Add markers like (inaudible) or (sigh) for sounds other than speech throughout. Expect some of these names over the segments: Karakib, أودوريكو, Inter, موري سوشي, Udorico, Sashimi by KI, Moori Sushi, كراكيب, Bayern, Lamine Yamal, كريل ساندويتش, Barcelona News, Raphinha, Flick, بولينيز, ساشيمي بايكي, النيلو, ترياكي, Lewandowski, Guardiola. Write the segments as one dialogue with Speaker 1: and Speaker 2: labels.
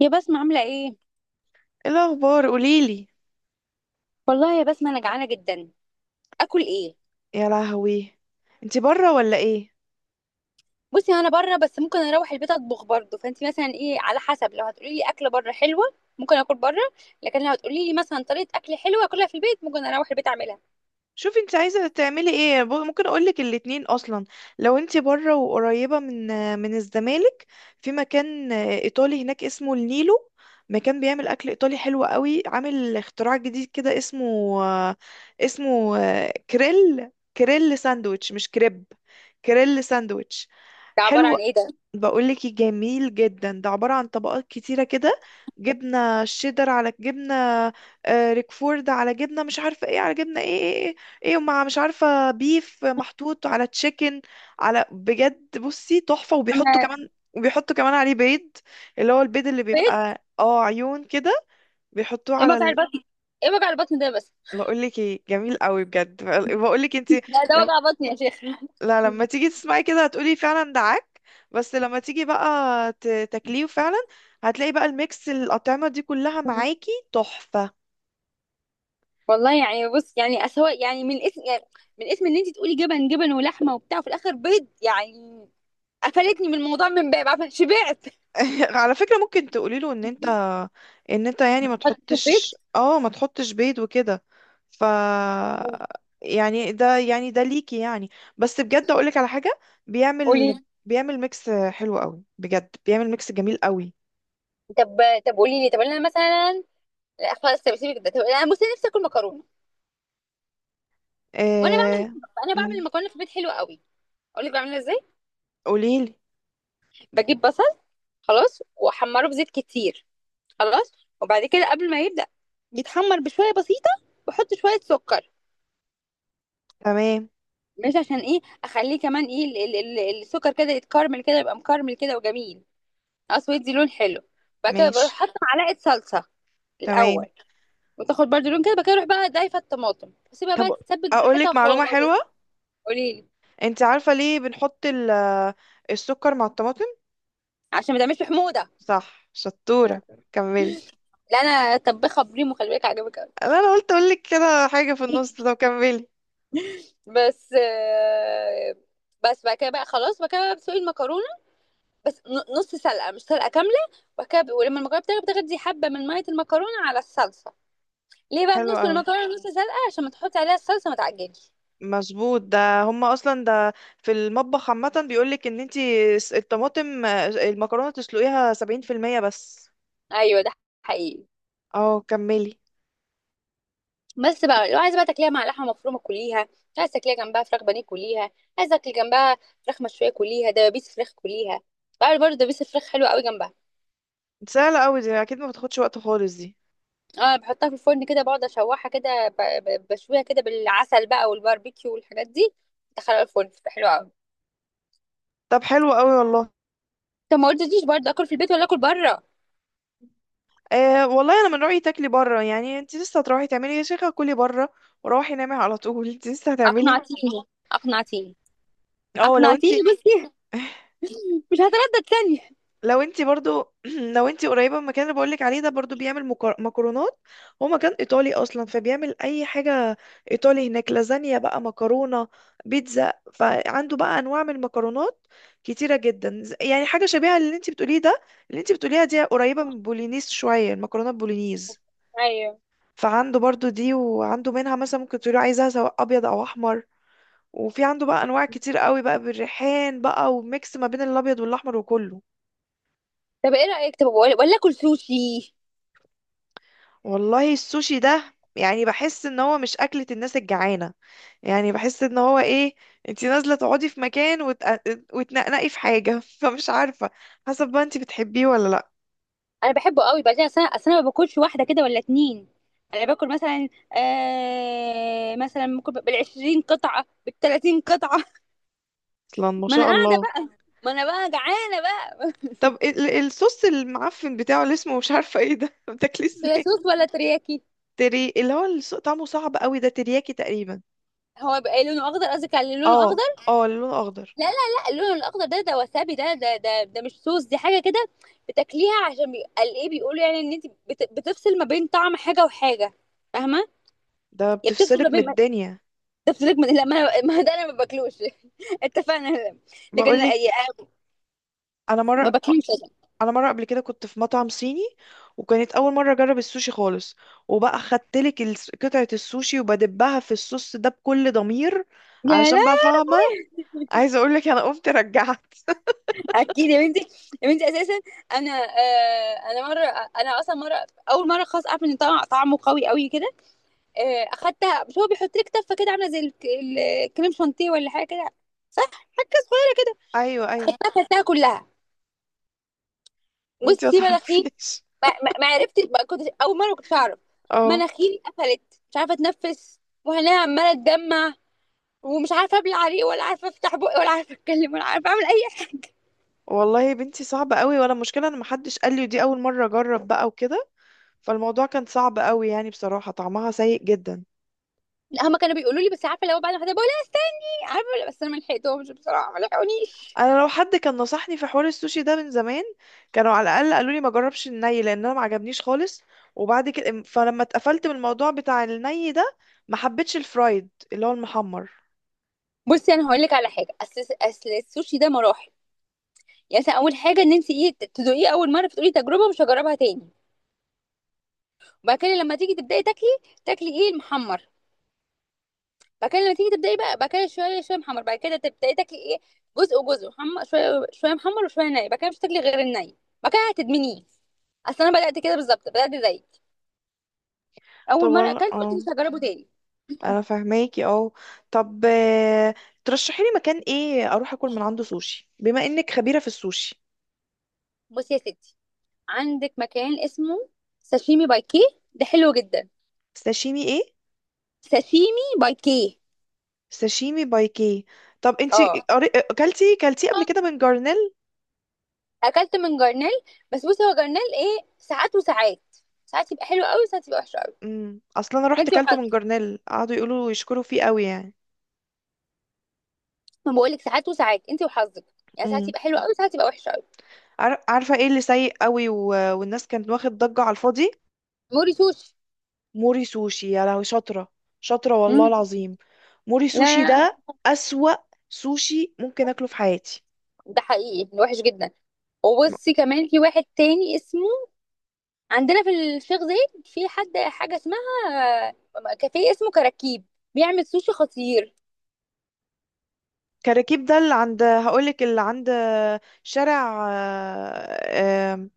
Speaker 1: يا بسمة، عاملة ايه؟
Speaker 2: ايه الاخبار قوليلي.
Speaker 1: والله يا بسمة انا جعانة جدا. اكل ايه؟
Speaker 2: يا لهوي، انتي بره ولا ايه؟
Speaker 1: بصي انا بره بس ممكن اروح البيت اطبخ برضه، فانتي مثلا ايه على حسب. لو هتقولي لي اكلة بره حلوة ممكن اكل بره، لكن لو هتقولي لي مثلا طريقة اكل حلوة اكلها في البيت ممكن اروح البيت اعملها.
Speaker 2: شوفي انتي عايزه تعملي ايه، ممكن اقولك الاتنين اصلا. لو انتي بره وقريبه من الزمالك، في مكان ايطالي هناك اسمه النيلو. مكان بيعمل اكل ايطالي حلو قوي، عامل اختراع جديد كده اسمه اسمه كريل. كريل ساندويتش مش كريب، كريل ساندويتش.
Speaker 1: ده عبارة
Speaker 2: حلو.
Speaker 1: عن ايه ده؟
Speaker 2: بقولك إيه، جميل جدا، ده عبارة عن طبقات كتيرة كده، جبنة شيدر على جبنة، آه، ريكفورد على جبنة، مش عارفة ايه على جبنة، إيه، ومع مش عارفة بيف محطوط على تشيكن، على بجد بصي تحفة.
Speaker 1: أما
Speaker 2: وبيحطوا كمان عليه بيض، اللي هو البيض اللي
Speaker 1: بيت!
Speaker 2: بيبقى اه عيون كده، بيحطوه
Speaker 1: ايه
Speaker 2: على
Speaker 1: وجع
Speaker 2: ال...
Speaker 1: البطن؟ ايه وجع البطن ده بس؟
Speaker 2: بقولك ايه جميل قوي بجد. بقولك انتي،
Speaker 1: لا ده وجع بطن يا شيخ. (laughs)
Speaker 2: لا لما تيجي تسمعي كده هتقولي فعلا ده عك، بس لما تيجي بقى تاكليه فعلا هتلاقي بقى الميكس الأطعمة دي كلها معاكي تحفة.
Speaker 1: والله يعني بص يعني اسوا يعني من اسم يعني، من اسم ان انت تقولي جبن جبن ولحمة وبتاع وفي الاخر بيض يعني. قفلتني من الموضوع من باب عارفة، شبعت.
Speaker 2: (laughs) على فكرة ممكن تقولي له ان انت، يعني ما
Speaker 1: حطيته في زيت.
Speaker 2: تحطش، ما تحطش بيض وكده. ف يعني ده، يعني ده ليكي يعني. بس بجد اقولك على حاجة،
Speaker 1: قولي.
Speaker 2: بيعمل بيعمل ميكس حلو قوي بجد، بيعمل ميكس جميل قوي.
Speaker 1: طب. طب قولي لي. طب انا مثلا، لا خلاص طب سيبك ده. طب انا بصي نفسي اكل مكرونه. وانا بعمل،
Speaker 2: آه...
Speaker 1: انا بعمل
Speaker 2: مم.
Speaker 1: المكرونه في البيت حلوه قوي. اقول لك بعملها ازاي.
Speaker 2: قوليلي.
Speaker 1: بجيب بصل خلاص واحمره في زيت كتير خلاص، وبعد كده قبل ما يبدا يتحمر بشويه بسيطه بحط شويه سكر.
Speaker 2: تمام.
Speaker 1: مش عشان ايه، اخليه كمان ايه السكر كده يتكرمل كده، يبقى مكرمل كده وجميل. اسود دي لون حلو. بعد كده بروح
Speaker 2: ماشي.
Speaker 1: حاطه معلقه صلصه
Speaker 2: تمام.
Speaker 1: الاول، وتاخد برضو لون كده بقى اروح بقى ضايفه الطماطم واسيبها
Speaker 2: طب
Speaker 1: بقى تتسبك براحتها
Speaker 2: اقولك معلومة
Speaker 1: خالص.
Speaker 2: حلوة.
Speaker 1: قولي لي.
Speaker 2: انت عارفة ليه بنحط السكر مع الطماطم؟
Speaker 1: عشان ما تعملش حموضه.
Speaker 2: صح، شطورة. كملي.
Speaker 1: لا انا طبخها بريمو، خلي بالك عجبك قوي.
Speaker 2: أنا قلت اقولك كده حاجة في النص،
Speaker 1: (laughs)
Speaker 2: طب كملي.
Speaker 1: بس بس بعد كده بقى خلاص، بعد كده بقى بتسلقي المكرونه. نص سلقه مش سلقه كامله. بعد كده ولما المكرونه بتغلي بتغدي حبه من ميه المكرونه على الصلصه. ليه بقى
Speaker 2: حلو
Speaker 1: بنص
Speaker 2: قوي،
Speaker 1: المكرونه نص سلقه؟ عشان ما تحطي عليها الصلصه ما تعجنش.
Speaker 2: مظبوط. ده هما اصلا ده في المطبخ عامة بيقولك ان انت الطماطم، آه، المكرونة تسلقيها سبعين في المية بس.
Speaker 1: ايوه ده حقيقي.
Speaker 2: اه كملي.
Speaker 1: بس بقى لو عايزه بقى تاكليها مع لحمه مفرومه كليها، عايزه تاكليها جنبها فراخ بانيه كليها، عايزه تاكلي جنبها فراخ مشويه كليها، دبابيس فراخ كليها. بعمل برضه دبابيس الفراخ حلوه قوي جنبها.
Speaker 2: سهلة قوي دي، اكيد ما بتاخدش وقت خالص دي.
Speaker 1: اه بحطها في الفرن كده بقعد اشوحها كده بشويها كده بالعسل بقى والباربيكيو والحاجات دي. ادخلها الفرن بتبقى حلوه قوي.
Speaker 2: طب حلو قوي والله.
Speaker 1: طب ما قلتليش برضه اكل في البيت ولا اكل بره.
Speaker 2: أه والله انا من رايي تاكلي بره، يعني انت لسه هتروحي تعملي، يا شيخه كلي بره وروحي نامي على طول. (laughs) انت لسه هتعملي؟
Speaker 1: اقنعتيني، اقنعتيني،
Speaker 2: اه لو انت.
Speaker 1: اقنعتيني.
Speaker 2: (laughs)
Speaker 1: بصي. (laughs) مش هتردد ثانيه.
Speaker 2: لو انت برضو، (clears throat) لو انت قريبه من المكان اللي بقولك عليه ده، برضو بيعمل مكرونات. هو مكان ايطالي اصلا فبيعمل اي حاجه ايطالي. هناك لازانيا بقى، مكرونه، بيتزا، فعنده بقى انواع من المكرونات كتيره جدا. يعني حاجه شبيهه للي انت بتقوليه ده، اللي انت بتقوليها دي قريبه من بولينيز شويه، المكرونه بولينيز.
Speaker 1: ايوه.
Speaker 2: فعنده برضو دي، وعنده منها مثلا ممكن تقولي عايزها سواء ابيض او احمر، وفي عنده بقى انواع كتير قوي بقى، بالريحان بقى، وميكس ما بين الابيض والاحمر وكله.
Speaker 1: طب ايه رايك، طب ولا اكل سوشي.
Speaker 2: والله السوشي ده يعني بحس ان هو مش اكلة الناس الجعانة. يعني بحس ان هو ايه، انتي نازلة تقعدي في مكان وت... وتنقنقي في حاجة. (laughs) فمش عارفة، حسب بقى انتي بتحبيه ولا لا.
Speaker 1: انا بحبه قوي. بعدين اصل انا أصل أنا ما باكلش واحده كده ولا اتنين. انا باكل مثلا، مثلا ممكن بالعشرين قطعه بالتلاتين قطعه.
Speaker 2: اصلا
Speaker 1: (laughs)
Speaker 2: ما
Speaker 1: ما انا
Speaker 2: شاء
Speaker 1: قاعده
Speaker 2: الله.
Speaker 1: بقى. ما انا بقى جعانه بقى.
Speaker 2: طب الصوص المعفن بتاعه اللي اسمه مش عارفة ايه ده (laughs) بتاكليه
Speaker 1: (laughs) صويا
Speaker 2: ازاي؟
Speaker 1: صوص ولا ترياكي؟
Speaker 2: تري اللي هو طعمه صعب قوي ده، ترياكي تقريبا.
Speaker 1: هو بقى لونه اخضر، قصدك على لونه
Speaker 2: اه.
Speaker 1: اخضر؟
Speaker 2: اه، اللون اخضر.
Speaker 1: لا لا لا، اللون الاخضر ده ده وسابي، ده مش صوص، دي حاجه كده بتاكليها عشان قال ايه، بيقولوا يعني ان انت بتفصل ما بين طعم حاجه وحاجه. فاهمه؟
Speaker 2: ده
Speaker 1: يا بتفصل ما
Speaker 2: بتفصلك من
Speaker 1: بين.
Speaker 2: الدنيا.
Speaker 1: جبت لك من لا ما أنا- ما ده انا ما باكلوش. (laughs) اتفقنا. لكن
Speaker 2: بقولك،
Speaker 1: أي-
Speaker 2: انا
Speaker 1: ما
Speaker 2: مره،
Speaker 1: باكلوش أصلاً.
Speaker 2: قبل كده كنت في مطعم صيني، وكانت اول مره اجرب السوشي خالص، وبقى خدتلك قطعه السوشي وبدبها في الصوص ده بكل ضمير،
Speaker 1: لا لا.
Speaker 2: علشان بقى فاهمه. عايزه اقولك انا قمت رجعت. (laughs)
Speaker 1: اكيد يا بنتي. يا بنتي اساسا انا، انا مره، انا اصلا مره، اول مره خلاص اعرف ان طعم طعمه قوي قوي كده. آه اخدتها، مش هو بيحط لك تفه كده عامله زي الكريم شانتيه ولا حاجه كده. صح، حاجه صغيره.
Speaker 2: ايوه ايوه.
Speaker 1: اخدتها اكلتها كلها.
Speaker 2: انتي ما
Speaker 1: بصي مناخيري،
Speaker 2: تعرفيش.
Speaker 1: ما عرفتش، ما كنتش اول مره، ما كنتش اعرف.
Speaker 2: اه
Speaker 1: مناخيري قفلت، مش عارفه اتنفس، وهنا عماله اتدمع، ومش عارفه ابلع عليه، ولا عارفه افتح بقي، ولا عارفه اتكلم، ولا عارفه اعمل اي حاجه.
Speaker 2: والله يا بنتي صعب قوي، ولا مشكله ان محدش قال لي، ودي اول مره اجرب بقى وكده، فالموضوع كان صعب قوي يعني بصراحه، طعمها سيء جدا.
Speaker 1: (laughs) لا هما كانوا بيقولوا لي، بس عارفه لو بعد ما حد بقول لي. عارفه، ولا بس انا ما لحقتهمش بصراحه، ما لحقونيش.
Speaker 2: انا لو حد كان نصحني في حوار السوشي ده من زمان، كانوا على الاقل قالوا لي ما جربش الني، لان انا ما عجبنيش خالص. وبعد كده فلما اتقفلت من الموضوع بتاع الني ده، ما حبيتش الفرايد اللي هو المحمر.
Speaker 1: بصي انا هقول لك على حاجه. اصل السوشي ده مراحل. يعني مثلا اول حاجه ان انت ايه، تدوقيه اول مره فتقولي تجربه مش هجربها تاني. وبعد كده لما تيجي تبداي تاكلي، تاكلي ايه؟ المحمر. بعد كده لما تيجي تبداي بقى بعد كده، شويه شويه محمر، بعد كده تبداي تاكلي ايه، جزء وجزء محمر، شويه شويه محمر وشويه ني، بعد كده مش هتاكلي غير الني. بعد كده هتدمنيه. اصل انا بدات كده بالظبط، بدات زيك، اول مره اكلت قلت
Speaker 2: اه،
Speaker 1: مش هجربه تاني.
Speaker 2: انا فاهماكي، اه. طب آه، ترشحي لي مكان ايه اروح اكل من عنده سوشي، بما انك خبيرة في السوشي؟
Speaker 1: بصي يا ستي، عندك مكان اسمه ساشيمي باي كي، ده حلو جدا.
Speaker 2: ساشيمي ايه؟
Speaker 1: ساشيمي باي كي.
Speaker 2: ساشيمي بايكي. طب انتي
Speaker 1: اه
Speaker 2: اكلتي كلتيه قبل كده من جارنيل؟
Speaker 1: اكلت من جرنال، بس بصي هو جرنال ايه، ساعات وساعات. ساعات يبقى حلو قوي، ساعات يبقى وحش قوي.
Speaker 2: امم، اصلا انا
Speaker 1: ما
Speaker 2: رحت
Speaker 1: انت
Speaker 2: كلته من
Speaker 1: وحظك.
Speaker 2: جارنيل قعدوا يقولوا يشكروا فيه قوي يعني.
Speaker 1: ما بقول لك ساعات وساعات، انت وحظك. يعني ساعات
Speaker 2: امم.
Speaker 1: يبقى حلو قوي، ساعات يبقى وحش قوي.
Speaker 2: عارفه ايه اللي سيء قوي و... والناس كانت واخد ضجه على الفاضي؟
Speaker 1: موري سوشي.
Speaker 2: موري سوشي، يا لهوي، شاطره، شاطره والله
Speaker 1: مم.
Speaker 2: العظيم. موري
Speaker 1: لا
Speaker 2: سوشي
Speaker 1: لا،
Speaker 2: ده اسوأ سوشي ممكن اكله في حياتي.
Speaker 1: ده حقيقي وحش جدا. وبصي كمان في واحد تاني اسمه، عندنا في الشيخ زايد، في حد حاجه اسمها كافيه اسمه كراكيب، بيعمل سوشي خطير.
Speaker 2: كراكيب، ده اللي عند، هقولك اللي عند شارع، آه، آم،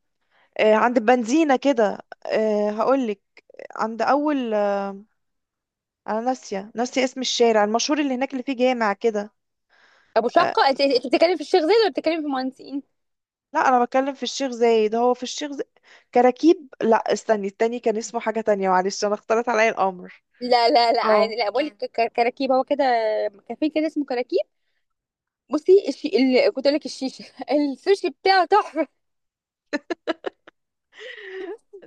Speaker 2: آه، عند بنزينة كده، آه، هقولك عند أول، آه، أنا ناسية، اسم الشارع المشهور اللي هناك اللي فيه جامع كده،
Speaker 1: ابو
Speaker 2: آه،
Speaker 1: شقه، انت بتتكلم في الشيخ زايد ولا بتتكلم في مهندسين؟
Speaker 2: لا انا بتكلم في الشيخ زايد، هو في الشيخ زايد. كراكيب، لا استني، التاني كان اسمه حاجة تانية، معلش انا اختلط عليا الامر.
Speaker 1: لا لا لا
Speaker 2: اه.
Speaker 1: عادي، لا بقول لك كراكيب هو كده، كافيه كده اسمه كراكيب. بصي كنت اقول لك الشيشه. (laughs) السوشي بتاعه تحفه.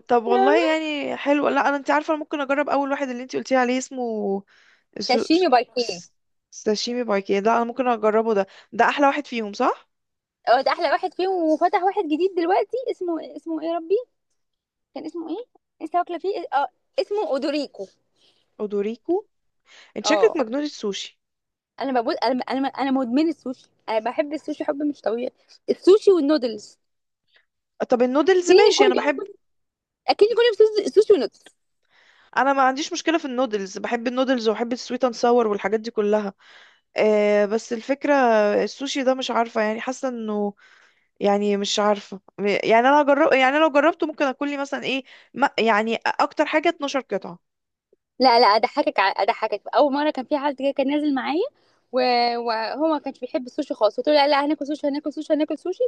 Speaker 2: طب والله
Speaker 1: (laughs)
Speaker 2: يعني حلو، لا انا انت عارفه أنا ممكن اجرب اول واحد اللي انت قلتي عليه اسمه سو...
Speaker 1: ساشيمي باركيه.
Speaker 2: س- ساشيمي بايكي، ده انا ممكن اجربه ده، ده احلى واحد فيهم صح؟
Speaker 1: هو ده احلى واحد فيهم، وفتح واحد جديد دلوقتي اسمه ايه يا ربي. كان اسمه ايه؟ لسه واكله فيه اه. اسمه اودوريكو.
Speaker 2: اودوريكو. انت شكلك
Speaker 1: اه
Speaker 2: مجنونه السوشي.
Speaker 1: انا ببص، انا مدمنه السوشي، انا بحب السوشي حب مش طبيعي. السوشي والنودلز.
Speaker 2: طب النودلز
Speaker 1: اكلني
Speaker 2: ماشي
Speaker 1: كل
Speaker 2: انا
Speaker 1: يوم،
Speaker 2: بحب.
Speaker 1: اكلني كل يوم، سوشي سوشي ونودلز.
Speaker 2: انا ما عنديش مشكله في النودلز، بحب النودلز وبحب السويت اند ساور والحاجات دي كلها. آه بس الفكره السوشي ده مش عارفه يعني، حاسه انه يعني مش عارفة يعني انا جرب، يعني لو جربته ممكن اكل لي مثلا ايه، ما يعني اكتر حاجة 12 قطعة.
Speaker 1: لا لا، اضحكك، اضحكك. اول مره كان في حد كده كان نازل معايا، وهو ما كانش بيحب السوشي خالص، قلت له لا لا هناكل سوشي، هناكل سوشي، هناكل سوشي.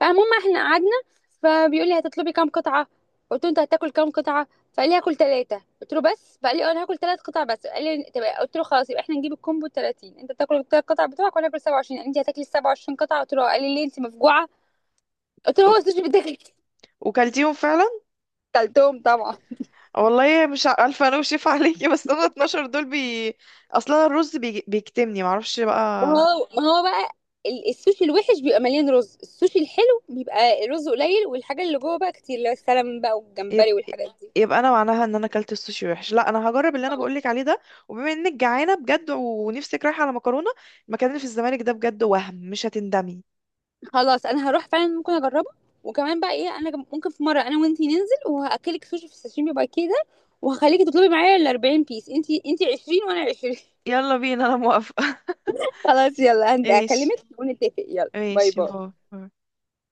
Speaker 1: فالمهم احنا قعدنا. فبيقول لي هتطلبي كام قطعه، قلت له انت هتاكل كام قطعه، فقال لي هاكل ثلاثه، قلت له بس؟ فقال لي اه انا هاكل ثلاث قطع بس، قال لي طب. قلت له خلاص يبقى احنا نجيب الكومبو 30، انت تاكل الثلاث قطع بتوعك وانا هاكل 27. انت هتاكلي 27 قطعه؟ قلت له اه. قال لي ليه، انت مفجوعه؟ قلت له هو
Speaker 2: و-
Speaker 1: السوشي بيتاكل.
Speaker 2: وكلتيهم فعلا؟
Speaker 1: (laughs) كلتهم طبعا.
Speaker 2: والله مش الف انا وشيف عليكي. (laughs) بس انا 12 دول بي، اصلا الرز بي... بيكتمني معرفش
Speaker 1: ما
Speaker 2: بقى.
Speaker 1: هو ما هو بقى السوشي الوحش بيبقى مليان رز، السوشي الحلو بيبقى الرز قليل والحاجه اللي جوه بقى كتير، اللي هو السلمون بقى
Speaker 2: يب...
Speaker 1: والجمبري والحاجات دي.
Speaker 2: يبقى انا معناها ان انا اكلت السوشي وحش. لا انا هجرب اللي انا بقولك عليه ده، وبما انك جعانة بجد ونفسك رايحة على مكرونة، المكان اللي في الزمالك ده بجد وهم مش هتندمي.
Speaker 1: خلاص انا هروح فعلا ممكن اجربه. وكمان بقى ايه، انا ممكن في مره انا وانتي ننزل وهاكلك سوشي في الساشيمي بقى كده، وهخليكي تطلبي معايا ال 40 بيس، انتي 20 وانا 20. (laughs)
Speaker 2: يلا بينا انا موافقة. (laughs)
Speaker 1: خلاص يلا
Speaker 2: ايش،
Speaker 1: هكلمك ونتفق. يلا باي
Speaker 2: ايش هو.
Speaker 1: باي.